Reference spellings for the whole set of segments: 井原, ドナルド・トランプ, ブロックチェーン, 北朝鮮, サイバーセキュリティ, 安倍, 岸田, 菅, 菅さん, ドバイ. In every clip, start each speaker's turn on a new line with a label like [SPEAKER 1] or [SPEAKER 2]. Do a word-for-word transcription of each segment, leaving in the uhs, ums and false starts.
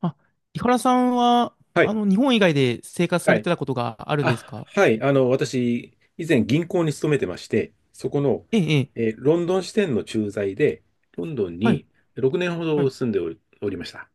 [SPEAKER 1] あ、井原さんは、
[SPEAKER 2] は
[SPEAKER 1] あ
[SPEAKER 2] い。
[SPEAKER 1] の、日本以外で生活さ
[SPEAKER 2] は
[SPEAKER 1] れ
[SPEAKER 2] い。
[SPEAKER 1] てたことがあるんです
[SPEAKER 2] あ、
[SPEAKER 1] か？
[SPEAKER 2] はい。あの、私、以前銀行に勤めてまして、そこの、
[SPEAKER 1] ええ、ええ。
[SPEAKER 2] えーロンドン支店の駐在で、ロンドン
[SPEAKER 1] はい、
[SPEAKER 2] にろくねんほ
[SPEAKER 1] は
[SPEAKER 2] ど
[SPEAKER 1] い。
[SPEAKER 2] 住んでおり、おりました。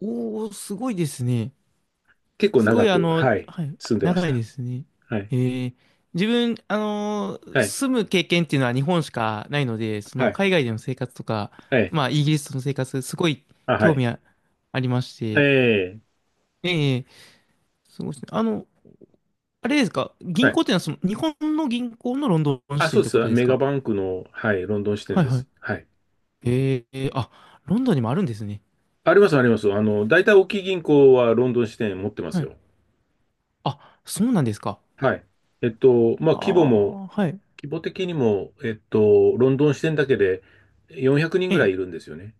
[SPEAKER 1] おー、すごいですね。
[SPEAKER 2] 結構
[SPEAKER 1] すご
[SPEAKER 2] 長
[SPEAKER 1] い、あ
[SPEAKER 2] く、
[SPEAKER 1] の、
[SPEAKER 2] はい、
[SPEAKER 1] はい、
[SPEAKER 2] 住んでまし
[SPEAKER 1] 長い
[SPEAKER 2] た。
[SPEAKER 1] ですね。
[SPEAKER 2] はい。
[SPEAKER 1] ええ、自分、あのー
[SPEAKER 2] はい。
[SPEAKER 1] 住む経験っていうのは日本しかないので、そ
[SPEAKER 2] は
[SPEAKER 1] の、
[SPEAKER 2] い。
[SPEAKER 1] 海外での生活とか、
[SPEAKER 2] はい。
[SPEAKER 1] まあ、イギリスの生活、すごい
[SPEAKER 2] あ、は
[SPEAKER 1] 興
[SPEAKER 2] い。
[SPEAKER 1] 味あ、ありまし
[SPEAKER 2] え
[SPEAKER 1] て。
[SPEAKER 2] え、
[SPEAKER 1] ええ、すごいですね。あの、あれですか？
[SPEAKER 2] は
[SPEAKER 1] 銀行
[SPEAKER 2] い。
[SPEAKER 1] っていうのは、その、日本の銀行のロンドン
[SPEAKER 2] あ、
[SPEAKER 1] 支
[SPEAKER 2] そ
[SPEAKER 1] 店
[SPEAKER 2] う
[SPEAKER 1] っ
[SPEAKER 2] で
[SPEAKER 1] てこ
[SPEAKER 2] す。
[SPEAKER 1] とです
[SPEAKER 2] メガ
[SPEAKER 1] か？
[SPEAKER 2] バンクの、はい、ロンドン支店
[SPEAKER 1] はい、
[SPEAKER 2] で
[SPEAKER 1] はい。
[SPEAKER 2] す。はい。
[SPEAKER 1] ええあ、ロンドンにもあるんですね。
[SPEAKER 2] あります、あります。あの、大体大きい銀行はロンドン支店持ってます
[SPEAKER 1] はい。
[SPEAKER 2] よ。
[SPEAKER 1] あ、そうなんですか。
[SPEAKER 2] はい。えっと、まあ、
[SPEAKER 1] あ
[SPEAKER 2] 規模も
[SPEAKER 1] あ、はい。
[SPEAKER 2] 規模的にも、えっと、ロンドン支店だけでよんひゃくにん
[SPEAKER 1] え
[SPEAKER 2] ぐらい
[SPEAKER 1] え。
[SPEAKER 2] いるんですよね。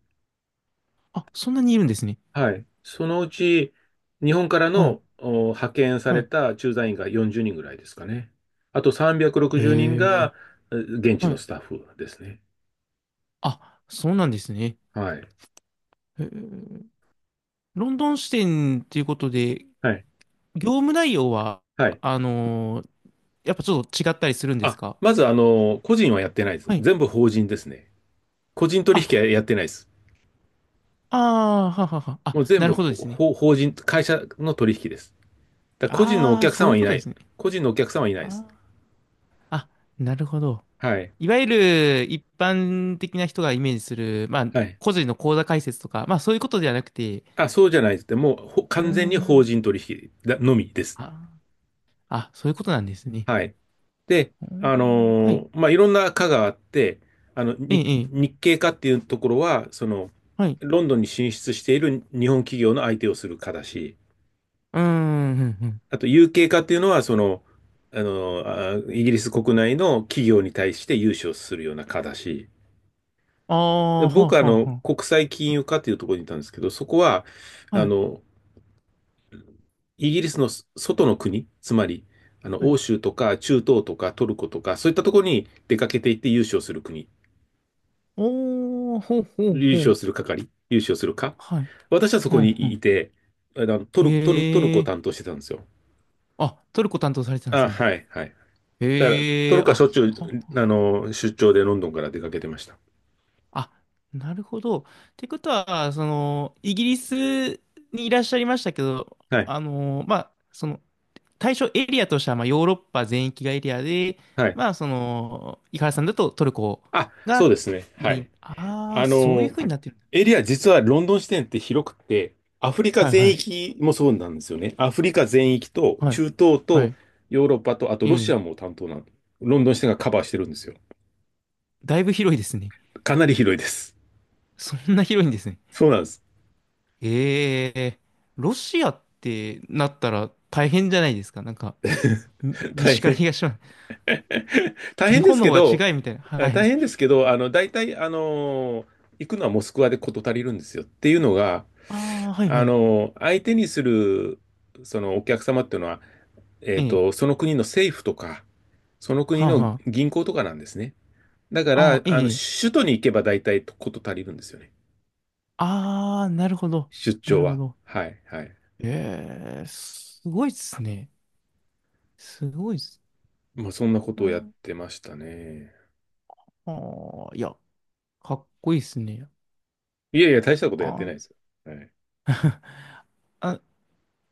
[SPEAKER 1] あ、そんなにいるんですね。
[SPEAKER 2] はい。そのうち、日本から
[SPEAKER 1] はい。
[SPEAKER 2] のお派遣さ
[SPEAKER 1] は
[SPEAKER 2] れ
[SPEAKER 1] い。
[SPEAKER 2] た駐在員がよんじゅうにんぐらいですかね。あとさんびゃくろくじゅうにん
[SPEAKER 1] へ
[SPEAKER 2] が
[SPEAKER 1] え。
[SPEAKER 2] え現地
[SPEAKER 1] は
[SPEAKER 2] の
[SPEAKER 1] い。
[SPEAKER 2] スタッフですね。
[SPEAKER 1] あ、そうなんですね。
[SPEAKER 2] はい。
[SPEAKER 1] へえ、ロンドン支店っていうことで、
[SPEAKER 2] はい。
[SPEAKER 1] 業務内容は、
[SPEAKER 2] はい。
[SPEAKER 1] あのーやっぱちょっと違ったりするんです
[SPEAKER 2] あ、
[SPEAKER 1] か？
[SPEAKER 2] まず、あの、個人はやってないです。
[SPEAKER 1] はい。
[SPEAKER 2] 全部法人ですね。個人取引
[SPEAKER 1] あ、
[SPEAKER 2] はやってないです。
[SPEAKER 1] ああ、ははは。
[SPEAKER 2] もう
[SPEAKER 1] あ、
[SPEAKER 2] 全
[SPEAKER 1] なる
[SPEAKER 2] 部
[SPEAKER 1] ほどで
[SPEAKER 2] ほ
[SPEAKER 1] すね。
[SPEAKER 2] ほ法人、会社の取引です。だから個人のお
[SPEAKER 1] ああ、
[SPEAKER 2] 客さ
[SPEAKER 1] そ
[SPEAKER 2] ん
[SPEAKER 1] うい
[SPEAKER 2] は
[SPEAKER 1] う
[SPEAKER 2] い
[SPEAKER 1] こと
[SPEAKER 2] な
[SPEAKER 1] で
[SPEAKER 2] い。
[SPEAKER 1] すね。
[SPEAKER 2] 個人のお客さんはいない
[SPEAKER 1] あ
[SPEAKER 2] です。
[SPEAKER 1] ー、あ、なるほど。
[SPEAKER 2] はい。
[SPEAKER 1] いわゆる一般的な人がイメージする、まあ、
[SPEAKER 2] はい。
[SPEAKER 1] 個人の口座開設とか、まあそういうことではなくて、
[SPEAKER 2] あ、そうじゃないです。でもうほ
[SPEAKER 1] うー
[SPEAKER 2] 完全に法
[SPEAKER 1] ん。
[SPEAKER 2] 人取引だのみです。
[SPEAKER 1] あ、あ、そういうことなんですね。
[SPEAKER 2] はい。で、
[SPEAKER 1] うー
[SPEAKER 2] あ
[SPEAKER 1] ん、はい。
[SPEAKER 2] のーまあ、いろんな課があって、あの、
[SPEAKER 1] え
[SPEAKER 2] 日、
[SPEAKER 1] え、ええ、
[SPEAKER 2] 日系課っていうところは、その、
[SPEAKER 1] はい。
[SPEAKER 2] ロンドンに進出している日本企業の相手をする課だし、
[SPEAKER 1] うーん、ふんふん。
[SPEAKER 2] あと、u 形課っていうのは、その、あのーあイギリス国内の企業に対して融資をするような課だし、
[SPEAKER 1] ああ、
[SPEAKER 2] で、
[SPEAKER 1] はあ、
[SPEAKER 2] 僕はあ
[SPEAKER 1] は
[SPEAKER 2] の、
[SPEAKER 1] あ、は
[SPEAKER 2] 国際金融課っていうところにいたんですけど、そこは、
[SPEAKER 1] あ。
[SPEAKER 2] あ
[SPEAKER 1] はい、
[SPEAKER 2] の、イギリスの外の国、つまり、あの、
[SPEAKER 1] はい。
[SPEAKER 2] 欧州とか中東とかトルコとか、そういったところに出かけていって優勝する国、
[SPEAKER 1] おー、ほうほう
[SPEAKER 2] 優
[SPEAKER 1] ほ
[SPEAKER 2] 勝
[SPEAKER 1] う。
[SPEAKER 2] する係、優勝するか。
[SPEAKER 1] はい。
[SPEAKER 2] 私はそ
[SPEAKER 1] ふ
[SPEAKER 2] こ
[SPEAKER 1] んふ
[SPEAKER 2] に
[SPEAKER 1] ん。
[SPEAKER 2] いて、あの、ト
[SPEAKER 1] へ
[SPEAKER 2] ル、トル、トルコを
[SPEAKER 1] え。
[SPEAKER 2] 担当してたんですよ。
[SPEAKER 1] あ、トルコ担当されてたんで
[SPEAKER 2] あ、
[SPEAKER 1] すね。
[SPEAKER 2] はい、はい。だから、
[SPEAKER 1] へ
[SPEAKER 2] ト
[SPEAKER 1] え、
[SPEAKER 2] ルコはし
[SPEAKER 1] あ、
[SPEAKER 2] ょっちゅ
[SPEAKER 1] は、
[SPEAKER 2] う、あの、出張でロンドンから出かけてました。
[SPEAKER 1] あ、なるほど。ってことは、その、イギリスにいらっしゃいましたけど、
[SPEAKER 2] はい、
[SPEAKER 1] あの、まあ、その、対象エリアとしては、まあ、ヨーロッパ全域がエリアで、
[SPEAKER 2] はい。
[SPEAKER 1] まあ、その、井原さんだとトルコ
[SPEAKER 2] あ、そう
[SPEAKER 1] が
[SPEAKER 2] ですね。は
[SPEAKER 1] メイ
[SPEAKER 2] い。
[SPEAKER 1] ン。ああ、
[SPEAKER 2] あ
[SPEAKER 1] そういう
[SPEAKER 2] の、
[SPEAKER 1] ふうになってるんだ。
[SPEAKER 2] エリア実はロンドン支店って広くて、アフリカ
[SPEAKER 1] はいは
[SPEAKER 2] 全
[SPEAKER 1] い。
[SPEAKER 2] 域もそうなんですよね。アフリカ全域と
[SPEAKER 1] はい。
[SPEAKER 2] 中東
[SPEAKER 1] は
[SPEAKER 2] と
[SPEAKER 1] い。
[SPEAKER 2] ヨーロッパと、あと
[SPEAKER 1] え
[SPEAKER 2] ロシ
[SPEAKER 1] え。
[SPEAKER 2] アも担当なの。ロンドン支店がカバーしてるんですよ。
[SPEAKER 1] だいぶ広いですね。
[SPEAKER 2] かなり広いです。
[SPEAKER 1] そんな広いんですね。
[SPEAKER 2] そうなんです。
[SPEAKER 1] ええ。ロシアってなったら大変じゃないですか。なんか、に
[SPEAKER 2] 大
[SPEAKER 1] 西から
[SPEAKER 2] 変。
[SPEAKER 1] 東まで。
[SPEAKER 2] 大
[SPEAKER 1] 日
[SPEAKER 2] 変で
[SPEAKER 1] 本
[SPEAKER 2] す
[SPEAKER 1] の
[SPEAKER 2] け
[SPEAKER 1] 方が
[SPEAKER 2] ど、
[SPEAKER 1] 違いみたいな。は
[SPEAKER 2] あ大
[SPEAKER 1] い。
[SPEAKER 2] 変ですけど、あの、大体、あの、行くのはモスクワで事足りるんですよ。っていうのが、
[SPEAKER 1] ああ、はいは
[SPEAKER 2] あ
[SPEAKER 1] い。
[SPEAKER 2] の、相手にする、そのお客様っていうのは、え
[SPEAKER 1] え
[SPEAKER 2] っ
[SPEAKER 1] え。
[SPEAKER 2] と、その国の政府とか、その国
[SPEAKER 1] はあ
[SPEAKER 2] の
[SPEAKER 1] は
[SPEAKER 2] 銀行とかなんですね。だか
[SPEAKER 1] あ。あ
[SPEAKER 2] ら、
[SPEAKER 1] あ、ええ。
[SPEAKER 2] あの、
[SPEAKER 1] ええ、
[SPEAKER 2] 首都に行けば大体こと足りるんですよね。
[SPEAKER 1] ああ、なるほど。
[SPEAKER 2] 出
[SPEAKER 1] な
[SPEAKER 2] 張
[SPEAKER 1] るほ
[SPEAKER 2] は。
[SPEAKER 1] ど。
[SPEAKER 2] はい、はい。
[SPEAKER 1] ええ、すごいっすね。すごいっす。
[SPEAKER 2] まあ、そんなことをやってましたね。
[SPEAKER 1] ああ、いや、かっこいいっすね。
[SPEAKER 2] いやいや、大したこと
[SPEAKER 1] あ
[SPEAKER 2] やってな
[SPEAKER 1] ー、
[SPEAKER 2] いですよ。はい。
[SPEAKER 1] あ、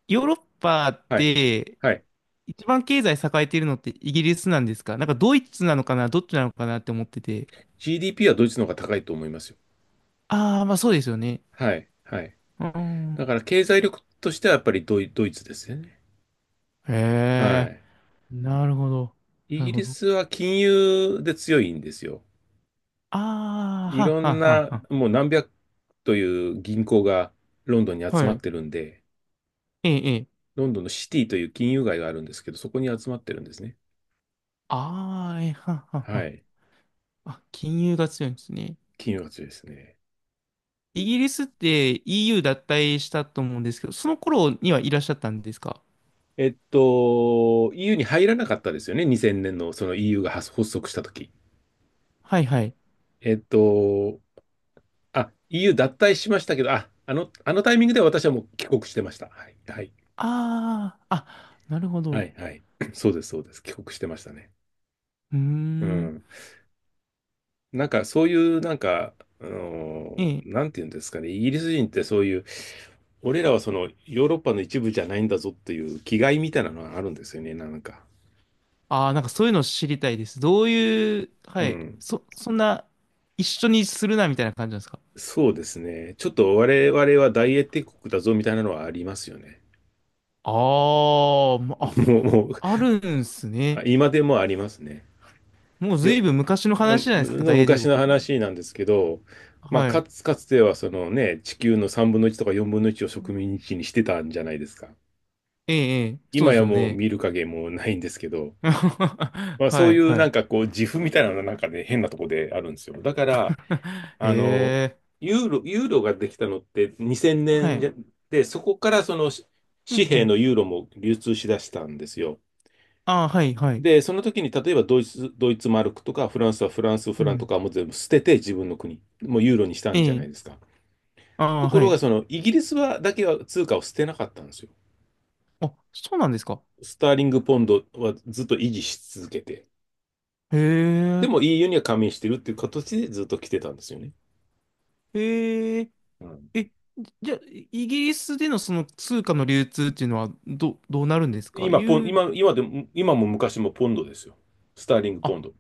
[SPEAKER 1] ヨーロッパっ
[SPEAKER 2] はい。
[SPEAKER 1] て、
[SPEAKER 2] はい。
[SPEAKER 1] 一番経済栄えているのってイギリスなんですか？なんかドイツなのかな、どっちなのかなって思ってて。
[SPEAKER 2] ジーディーピー はドイツの方が高いと思いますよ。
[SPEAKER 1] ああ、まあそうですよね。
[SPEAKER 2] はい、はい。
[SPEAKER 1] う
[SPEAKER 2] だ
[SPEAKER 1] ん。
[SPEAKER 2] から、経済力としてはやっぱりドイ、ドイツですよね。は
[SPEAKER 1] へえ、
[SPEAKER 2] い。
[SPEAKER 1] なるほど。
[SPEAKER 2] イ
[SPEAKER 1] なる
[SPEAKER 2] ギ
[SPEAKER 1] ほ
[SPEAKER 2] リ
[SPEAKER 1] ど。
[SPEAKER 2] スは金融で強いんですよ。
[SPEAKER 1] ああ、
[SPEAKER 2] い
[SPEAKER 1] はっ
[SPEAKER 2] ろ
[SPEAKER 1] は
[SPEAKER 2] ん
[SPEAKER 1] っはっ
[SPEAKER 2] な、
[SPEAKER 1] は、
[SPEAKER 2] もう何百という銀行がロンドンに集
[SPEAKER 1] は
[SPEAKER 2] まっ
[SPEAKER 1] い。
[SPEAKER 2] てるんで、
[SPEAKER 1] ええ、ええ。
[SPEAKER 2] ロンドンのシティという金融街があるんですけど、そこに集まってるんですね。
[SPEAKER 1] ああ、え、はんはんは
[SPEAKER 2] は
[SPEAKER 1] ん。
[SPEAKER 2] い。
[SPEAKER 1] あ、金融が強いんですね。
[SPEAKER 2] 金融街ですね。
[SPEAKER 1] イギリスって イーユー 脱退したと思うんですけど、その頃にはいらっしゃったんですか？
[SPEAKER 2] えっと、イーユー に入らなかったですよね。にせんねんのその イーユー が発発足した時
[SPEAKER 1] はいはい。
[SPEAKER 2] えっと、あ、イーユー 脱退しましたけど、あ、あの、あのタイミングで私はもう帰国してました。はい。はい。
[SPEAKER 1] ああ、あ、なるほ
[SPEAKER 2] は
[SPEAKER 1] ど。
[SPEAKER 2] い。はい。そうです、そうです。帰国してましたね。
[SPEAKER 1] うー
[SPEAKER 2] う
[SPEAKER 1] ん。
[SPEAKER 2] ん。なんかそういうなんか、あの
[SPEAKER 1] え
[SPEAKER 2] ー
[SPEAKER 1] え。
[SPEAKER 2] なんていうんですかね、イギリス人ってそういう、俺らはそのヨーロッパの一部じゃないんだぞっていう気概みたいなのがあるんですよね、なんか。
[SPEAKER 1] ああ、なんかそういうの知りたいです。どういう、は
[SPEAKER 2] う
[SPEAKER 1] い。
[SPEAKER 2] ん。
[SPEAKER 1] そ、そんな、一緒にするなみたいな感じなんですか？
[SPEAKER 2] そうですね。ちょっと我々は大英帝国だぞみたいなのはありますよね。
[SPEAKER 1] あー、まあ、
[SPEAKER 2] もう、もう、
[SPEAKER 1] あるんす
[SPEAKER 2] あ
[SPEAKER 1] ね。
[SPEAKER 2] 今でもありますね。
[SPEAKER 1] もうず
[SPEAKER 2] よ、
[SPEAKER 1] いぶん昔の
[SPEAKER 2] あ
[SPEAKER 1] 話じゃないですか、
[SPEAKER 2] の
[SPEAKER 1] 大英帝
[SPEAKER 2] 昔
[SPEAKER 1] 国っ
[SPEAKER 2] の
[SPEAKER 1] て。
[SPEAKER 2] 話なんですけど、まあ、
[SPEAKER 1] は
[SPEAKER 2] か
[SPEAKER 1] い。
[SPEAKER 2] つ、かつてはそのね、地球のさんぶんのいちとかよんぶんのいちを植民地にしてたんじゃないですか。
[SPEAKER 1] ええ、ええ、そう
[SPEAKER 2] 今
[SPEAKER 1] です
[SPEAKER 2] や
[SPEAKER 1] よ
[SPEAKER 2] もう
[SPEAKER 1] ね。
[SPEAKER 2] 見る影もないんですけど、まあ、そ
[SPEAKER 1] は
[SPEAKER 2] うい
[SPEAKER 1] い、
[SPEAKER 2] う
[SPEAKER 1] は
[SPEAKER 2] な
[SPEAKER 1] い。
[SPEAKER 2] んかこう、自負みたいなのがなんかね、変なとこであるんですよ。だから、
[SPEAKER 1] へ
[SPEAKER 2] あの、
[SPEAKER 1] え、
[SPEAKER 2] ユーロ、ユーロができたのって2000
[SPEAKER 1] は
[SPEAKER 2] 年じ
[SPEAKER 1] い。
[SPEAKER 2] ゃで、そこからそのし
[SPEAKER 1] う
[SPEAKER 2] 紙
[SPEAKER 1] んう
[SPEAKER 2] 幣
[SPEAKER 1] ん。
[SPEAKER 2] のユーロも流通しだしたんですよ。
[SPEAKER 1] ああ、はい、はい。
[SPEAKER 2] で、その時に例えばドイツ、ドイツマルクとかフランスはフランスフ
[SPEAKER 1] う
[SPEAKER 2] ランと
[SPEAKER 1] ん。
[SPEAKER 2] かもう全部捨てて自分の国、もうユーロにした
[SPEAKER 1] え
[SPEAKER 2] んじゃな
[SPEAKER 1] え、
[SPEAKER 2] いですか。
[SPEAKER 1] あ
[SPEAKER 2] と
[SPEAKER 1] あ、
[SPEAKER 2] こ
[SPEAKER 1] は
[SPEAKER 2] ろ
[SPEAKER 1] い。
[SPEAKER 2] がそのイギリスはだけは通貨を捨てなかったんですよ。
[SPEAKER 1] あ、そうなんですか。
[SPEAKER 2] スターリングポンドはずっと維持し続けて、
[SPEAKER 1] へ
[SPEAKER 2] で
[SPEAKER 1] え、
[SPEAKER 2] も イーユー には加盟してるっていう形でずっと来てたんですよね。
[SPEAKER 1] へえ、
[SPEAKER 2] うん
[SPEAKER 1] え、じゃあ、イギリスでのその通貨の流通っていうのは、ど、どうなるんですか？
[SPEAKER 2] 今、ポン、
[SPEAKER 1] ユーロ、
[SPEAKER 2] 今、今でも、今も昔もポンドですよ。スターリング
[SPEAKER 1] あ、
[SPEAKER 2] ポンド。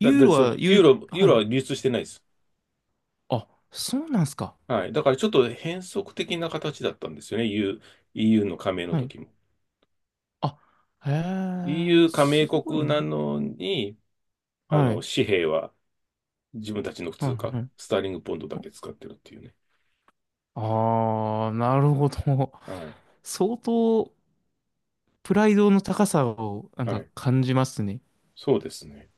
[SPEAKER 2] だ、
[SPEAKER 1] ユー
[SPEAKER 2] だ、
[SPEAKER 1] ロ
[SPEAKER 2] その、
[SPEAKER 1] は、ユ
[SPEAKER 2] ユー
[SPEAKER 1] ー、
[SPEAKER 2] ロ、ユー
[SPEAKER 1] は
[SPEAKER 2] ロは
[SPEAKER 1] い。
[SPEAKER 2] 流通してないです。
[SPEAKER 1] あ、そうなんですか。
[SPEAKER 2] はい。だからちょっと変則的な形だったんですよね。イーユー、イーユーの加盟の
[SPEAKER 1] はい。
[SPEAKER 2] 時も。
[SPEAKER 1] あ、へえ、
[SPEAKER 2] イーユー 加
[SPEAKER 1] す
[SPEAKER 2] 盟
[SPEAKER 1] ごい
[SPEAKER 2] 国な
[SPEAKER 1] な。
[SPEAKER 2] のに、あ
[SPEAKER 1] は
[SPEAKER 2] の、
[SPEAKER 1] い、
[SPEAKER 2] 紙幣は自分たちの普
[SPEAKER 1] は
[SPEAKER 2] 通
[SPEAKER 1] い、
[SPEAKER 2] 貨、
[SPEAKER 1] はい。
[SPEAKER 2] スターリングポンドだけ使ってるっていうね。
[SPEAKER 1] ああ、なるほど。
[SPEAKER 2] はい。
[SPEAKER 1] 相当、プライドの高さをなん
[SPEAKER 2] は
[SPEAKER 1] か
[SPEAKER 2] い。
[SPEAKER 1] 感じますね。
[SPEAKER 2] そうですね。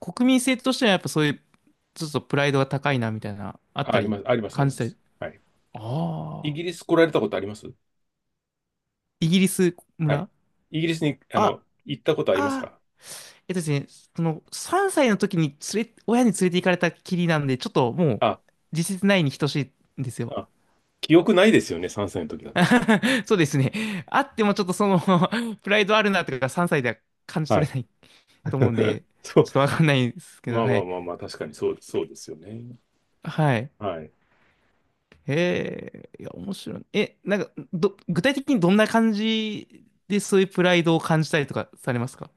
[SPEAKER 1] 国民性としてはやっぱそういう、ちょっとプライドが高いなみたいな、あっ
[SPEAKER 2] あ、
[SPEAKER 1] た
[SPEAKER 2] あり
[SPEAKER 1] り、
[SPEAKER 2] ます、あります、あ
[SPEAKER 1] 感
[SPEAKER 2] りま
[SPEAKER 1] じたり。
[SPEAKER 2] す。はい。イ
[SPEAKER 1] ああ。
[SPEAKER 2] ギリス来られたことあります
[SPEAKER 1] イギリス
[SPEAKER 2] はい。
[SPEAKER 1] 村、
[SPEAKER 2] イギリスに、あの、
[SPEAKER 1] あ、
[SPEAKER 2] 行ったことあります
[SPEAKER 1] あー、
[SPEAKER 2] か
[SPEAKER 1] えっとですね、そのさんさいの時に連れ、親に連れて行かれたきりなんで、ちょっともう
[SPEAKER 2] あ、
[SPEAKER 1] 実質ないに等しいんですよ。
[SPEAKER 2] あ、記憶ないですよね、さんさいの時だと。
[SPEAKER 1] そうですね。あってもちょっとその プライドあるなとかさんさいでは感じ
[SPEAKER 2] は
[SPEAKER 1] 取
[SPEAKER 2] い。
[SPEAKER 1] れないと思うんで、
[SPEAKER 2] そ
[SPEAKER 1] ち
[SPEAKER 2] う。
[SPEAKER 1] ょっとわかんないですけど、
[SPEAKER 2] まあ
[SPEAKER 1] は
[SPEAKER 2] まあ
[SPEAKER 1] い。
[SPEAKER 2] まあまあ、確かにそう、そうですよね。
[SPEAKER 1] はい。
[SPEAKER 2] はい。
[SPEAKER 1] へえ、いや、面白い。え、なんか、ど、具体的にどんな感じでそういうプライドを感じたりとかされますか？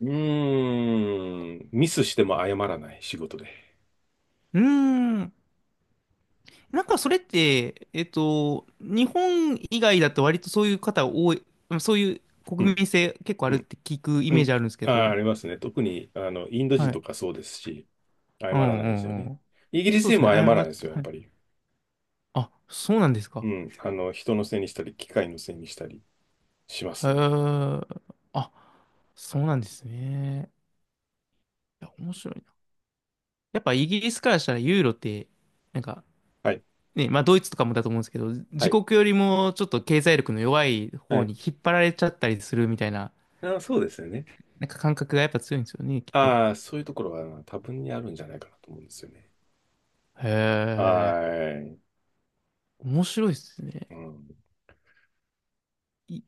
[SPEAKER 2] うーん。ミスしても謝らない仕事で。
[SPEAKER 1] うーん。なんかそれって、えっと、日本以外だと割とそういう方多い、うん、そういう
[SPEAKER 2] う
[SPEAKER 1] 国
[SPEAKER 2] ん。
[SPEAKER 1] 民性結構あ
[SPEAKER 2] う
[SPEAKER 1] るっ
[SPEAKER 2] ん。
[SPEAKER 1] て聞くイ
[SPEAKER 2] う
[SPEAKER 1] メージ
[SPEAKER 2] ん。
[SPEAKER 1] あるんですけ
[SPEAKER 2] あー、
[SPEAKER 1] ど。
[SPEAKER 2] ありますね。特に、あの、インド
[SPEAKER 1] は
[SPEAKER 2] 人
[SPEAKER 1] い。
[SPEAKER 2] とかそうですし、謝
[SPEAKER 1] う
[SPEAKER 2] ら
[SPEAKER 1] ん
[SPEAKER 2] な
[SPEAKER 1] う
[SPEAKER 2] いですよ
[SPEAKER 1] んう
[SPEAKER 2] ね。
[SPEAKER 1] ん。
[SPEAKER 2] イギリス
[SPEAKER 1] そうで
[SPEAKER 2] 人
[SPEAKER 1] すね、
[SPEAKER 2] も謝
[SPEAKER 1] 謝
[SPEAKER 2] らない
[SPEAKER 1] っ
[SPEAKER 2] です
[SPEAKER 1] て、
[SPEAKER 2] よ、や
[SPEAKER 1] は
[SPEAKER 2] っ
[SPEAKER 1] い。
[SPEAKER 2] ぱり。
[SPEAKER 1] あ、そうなんです
[SPEAKER 2] う
[SPEAKER 1] か。
[SPEAKER 2] ん。あの、人のせいにしたり、機械のせいにしたりしま
[SPEAKER 1] へ
[SPEAKER 2] すね。
[SPEAKER 1] え。あ、そうなんですね。いや、面白いな。やっぱイギリスからしたらユーロって、なんか、
[SPEAKER 2] はい。
[SPEAKER 1] ね、まあドイツとかもだと思うんですけど、
[SPEAKER 2] は
[SPEAKER 1] 自
[SPEAKER 2] い。
[SPEAKER 1] 国よりもちょっと経済力の弱い
[SPEAKER 2] は
[SPEAKER 1] 方
[SPEAKER 2] い。
[SPEAKER 1] に引っ張られちゃったりするみたいな、
[SPEAKER 2] あ、そうですよね。
[SPEAKER 1] なんか感覚がやっぱ強いんですよね、きっと。
[SPEAKER 2] ああ、そういうところは多分にあるんじゃないかなと思うんですよね。
[SPEAKER 1] へえ、
[SPEAKER 2] はーい。
[SPEAKER 1] 面白いですね。
[SPEAKER 2] うん。
[SPEAKER 1] い、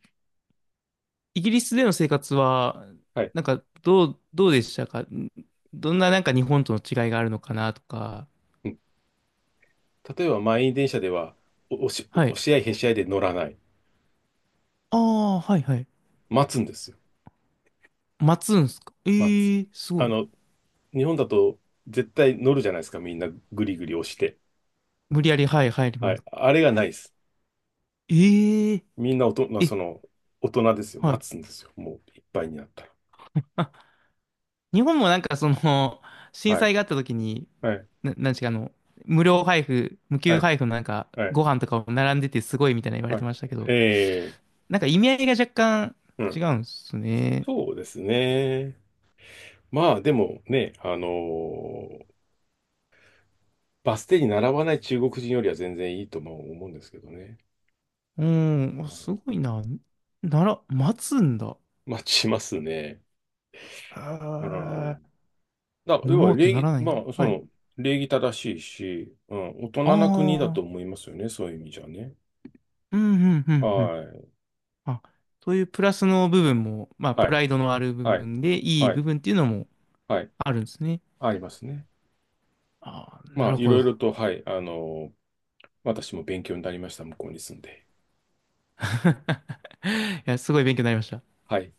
[SPEAKER 1] イギリスでの生活は、
[SPEAKER 2] はい。
[SPEAKER 1] なんかどう、どうでしたか？ん、どんななんか日本との違いがあるのかなとか。
[SPEAKER 2] 例えば満員電車では、お押し、
[SPEAKER 1] は
[SPEAKER 2] 押
[SPEAKER 1] い。
[SPEAKER 2] し合いへし合いで乗らない。
[SPEAKER 1] ああ、はいはい。
[SPEAKER 2] 待つんですよ。
[SPEAKER 1] 待つんですか？
[SPEAKER 2] 待つ。
[SPEAKER 1] ええ、すご
[SPEAKER 2] あ
[SPEAKER 1] い。
[SPEAKER 2] の、日本だと絶対乗るじゃないですか、みんなぐりぐり押して。
[SPEAKER 1] 無理やり、はい、入り
[SPEAKER 2] は
[SPEAKER 1] ま
[SPEAKER 2] い。
[SPEAKER 1] す。
[SPEAKER 2] あれがないです。
[SPEAKER 1] え、え
[SPEAKER 2] みんな大人、そ
[SPEAKER 1] え、
[SPEAKER 2] の、大人ですよ。
[SPEAKER 1] はい。
[SPEAKER 2] 待つんですよ。もういっぱいになったら。
[SPEAKER 1] あ、日本もなんかその、震
[SPEAKER 2] はい。
[SPEAKER 1] 災があった時に、
[SPEAKER 2] はい。
[SPEAKER 1] な、なんちかあの、無料配布、無
[SPEAKER 2] は
[SPEAKER 1] 給
[SPEAKER 2] い。
[SPEAKER 1] 配布のなんか、
[SPEAKER 2] はい。
[SPEAKER 1] ご飯とかを並んでてすごいみたいな言われ
[SPEAKER 2] はい。
[SPEAKER 1] てましたけど、
[SPEAKER 2] えー、
[SPEAKER 1] なんか意味合いが若干
[SPEAKER 2] う
[SPEAKER 1] 違
[SPEAKER 2] ん。
[SPEAKER 1] うんですね。
[SPEAKER 2] そうですね。まあ、でもね、あのーバス停に並ばない中国人よりは全然いいとまあ思うんですけどね。
[SPEAKER 1] うん、
[SPEAKER 2] う
[SPEAKER 1] あ、
[SPEAKER 2] ん、
[SPEAKER 1] すごいな。なら、待つんだ。
[SPEAKER 2] 待ちますね。
[SPEAKER 1] へ
[SPEAKER 2] う
[SPEAKER 1] え、
[SPEAKER 2] んだから、
[SPEAKER 1] 乗
[SPEAKER 2] 要
[SPEAKER 1] ろ
[SPEAKER 2] は
[SPEAKER 1] うと
[SPEAKER 2] 礼
[SPEAKER 1] なら
[SPEAKER 2] 儀、
[SPEAKER 1] ないんだ。
[SPEAKER 2] まあ、そ
[SPEAKER 1] はい。
[SPEAKER 2] の、礼儀正しいし、うん、大人な国だと
[SPEAKER 1] ああ、
[SPEAKER 2] 思いますよね、そういう意味じゃね。
[SPEAKER 1] うん、うん、う
[SPEAKER 2] は
[SPEAKER 1] ん、うん。
[SPEAKER 2] い、
[SPEAKER 1] あ、そういうプラスの部分も、まあ、プ
[SPEAKER 2] はい、
[SPEAKER 1] ライドのある部
[SPEAKER 2] はい、
[SPEAKER 1] 分で、いい
[SPEAKER 2] は
[SPEAKER 1] 部
[SPEAKER 2] い、
[SPEAKER 1] 分っていうのも
[SPEAKER 2] はい、
[SPEAKER 1] あるんですね。
[SPEAKER 2] ありますね。
[SPEAKER 1] ああ、な
[SPEAKER 2] まあ、
[SPEAKER 1] る
[SPEAKER 2] い
[SPEAKER 1] ほ
[SPEAKER 2] ろい
[SPEAKER 1] ど。
[SPEAKER 2] ろと、はい、あの、私も勉強になりました、向こうに住んで。
[SPEAKER 1] いや、すごい勉強になりました。
[SPEAKER 2] はい。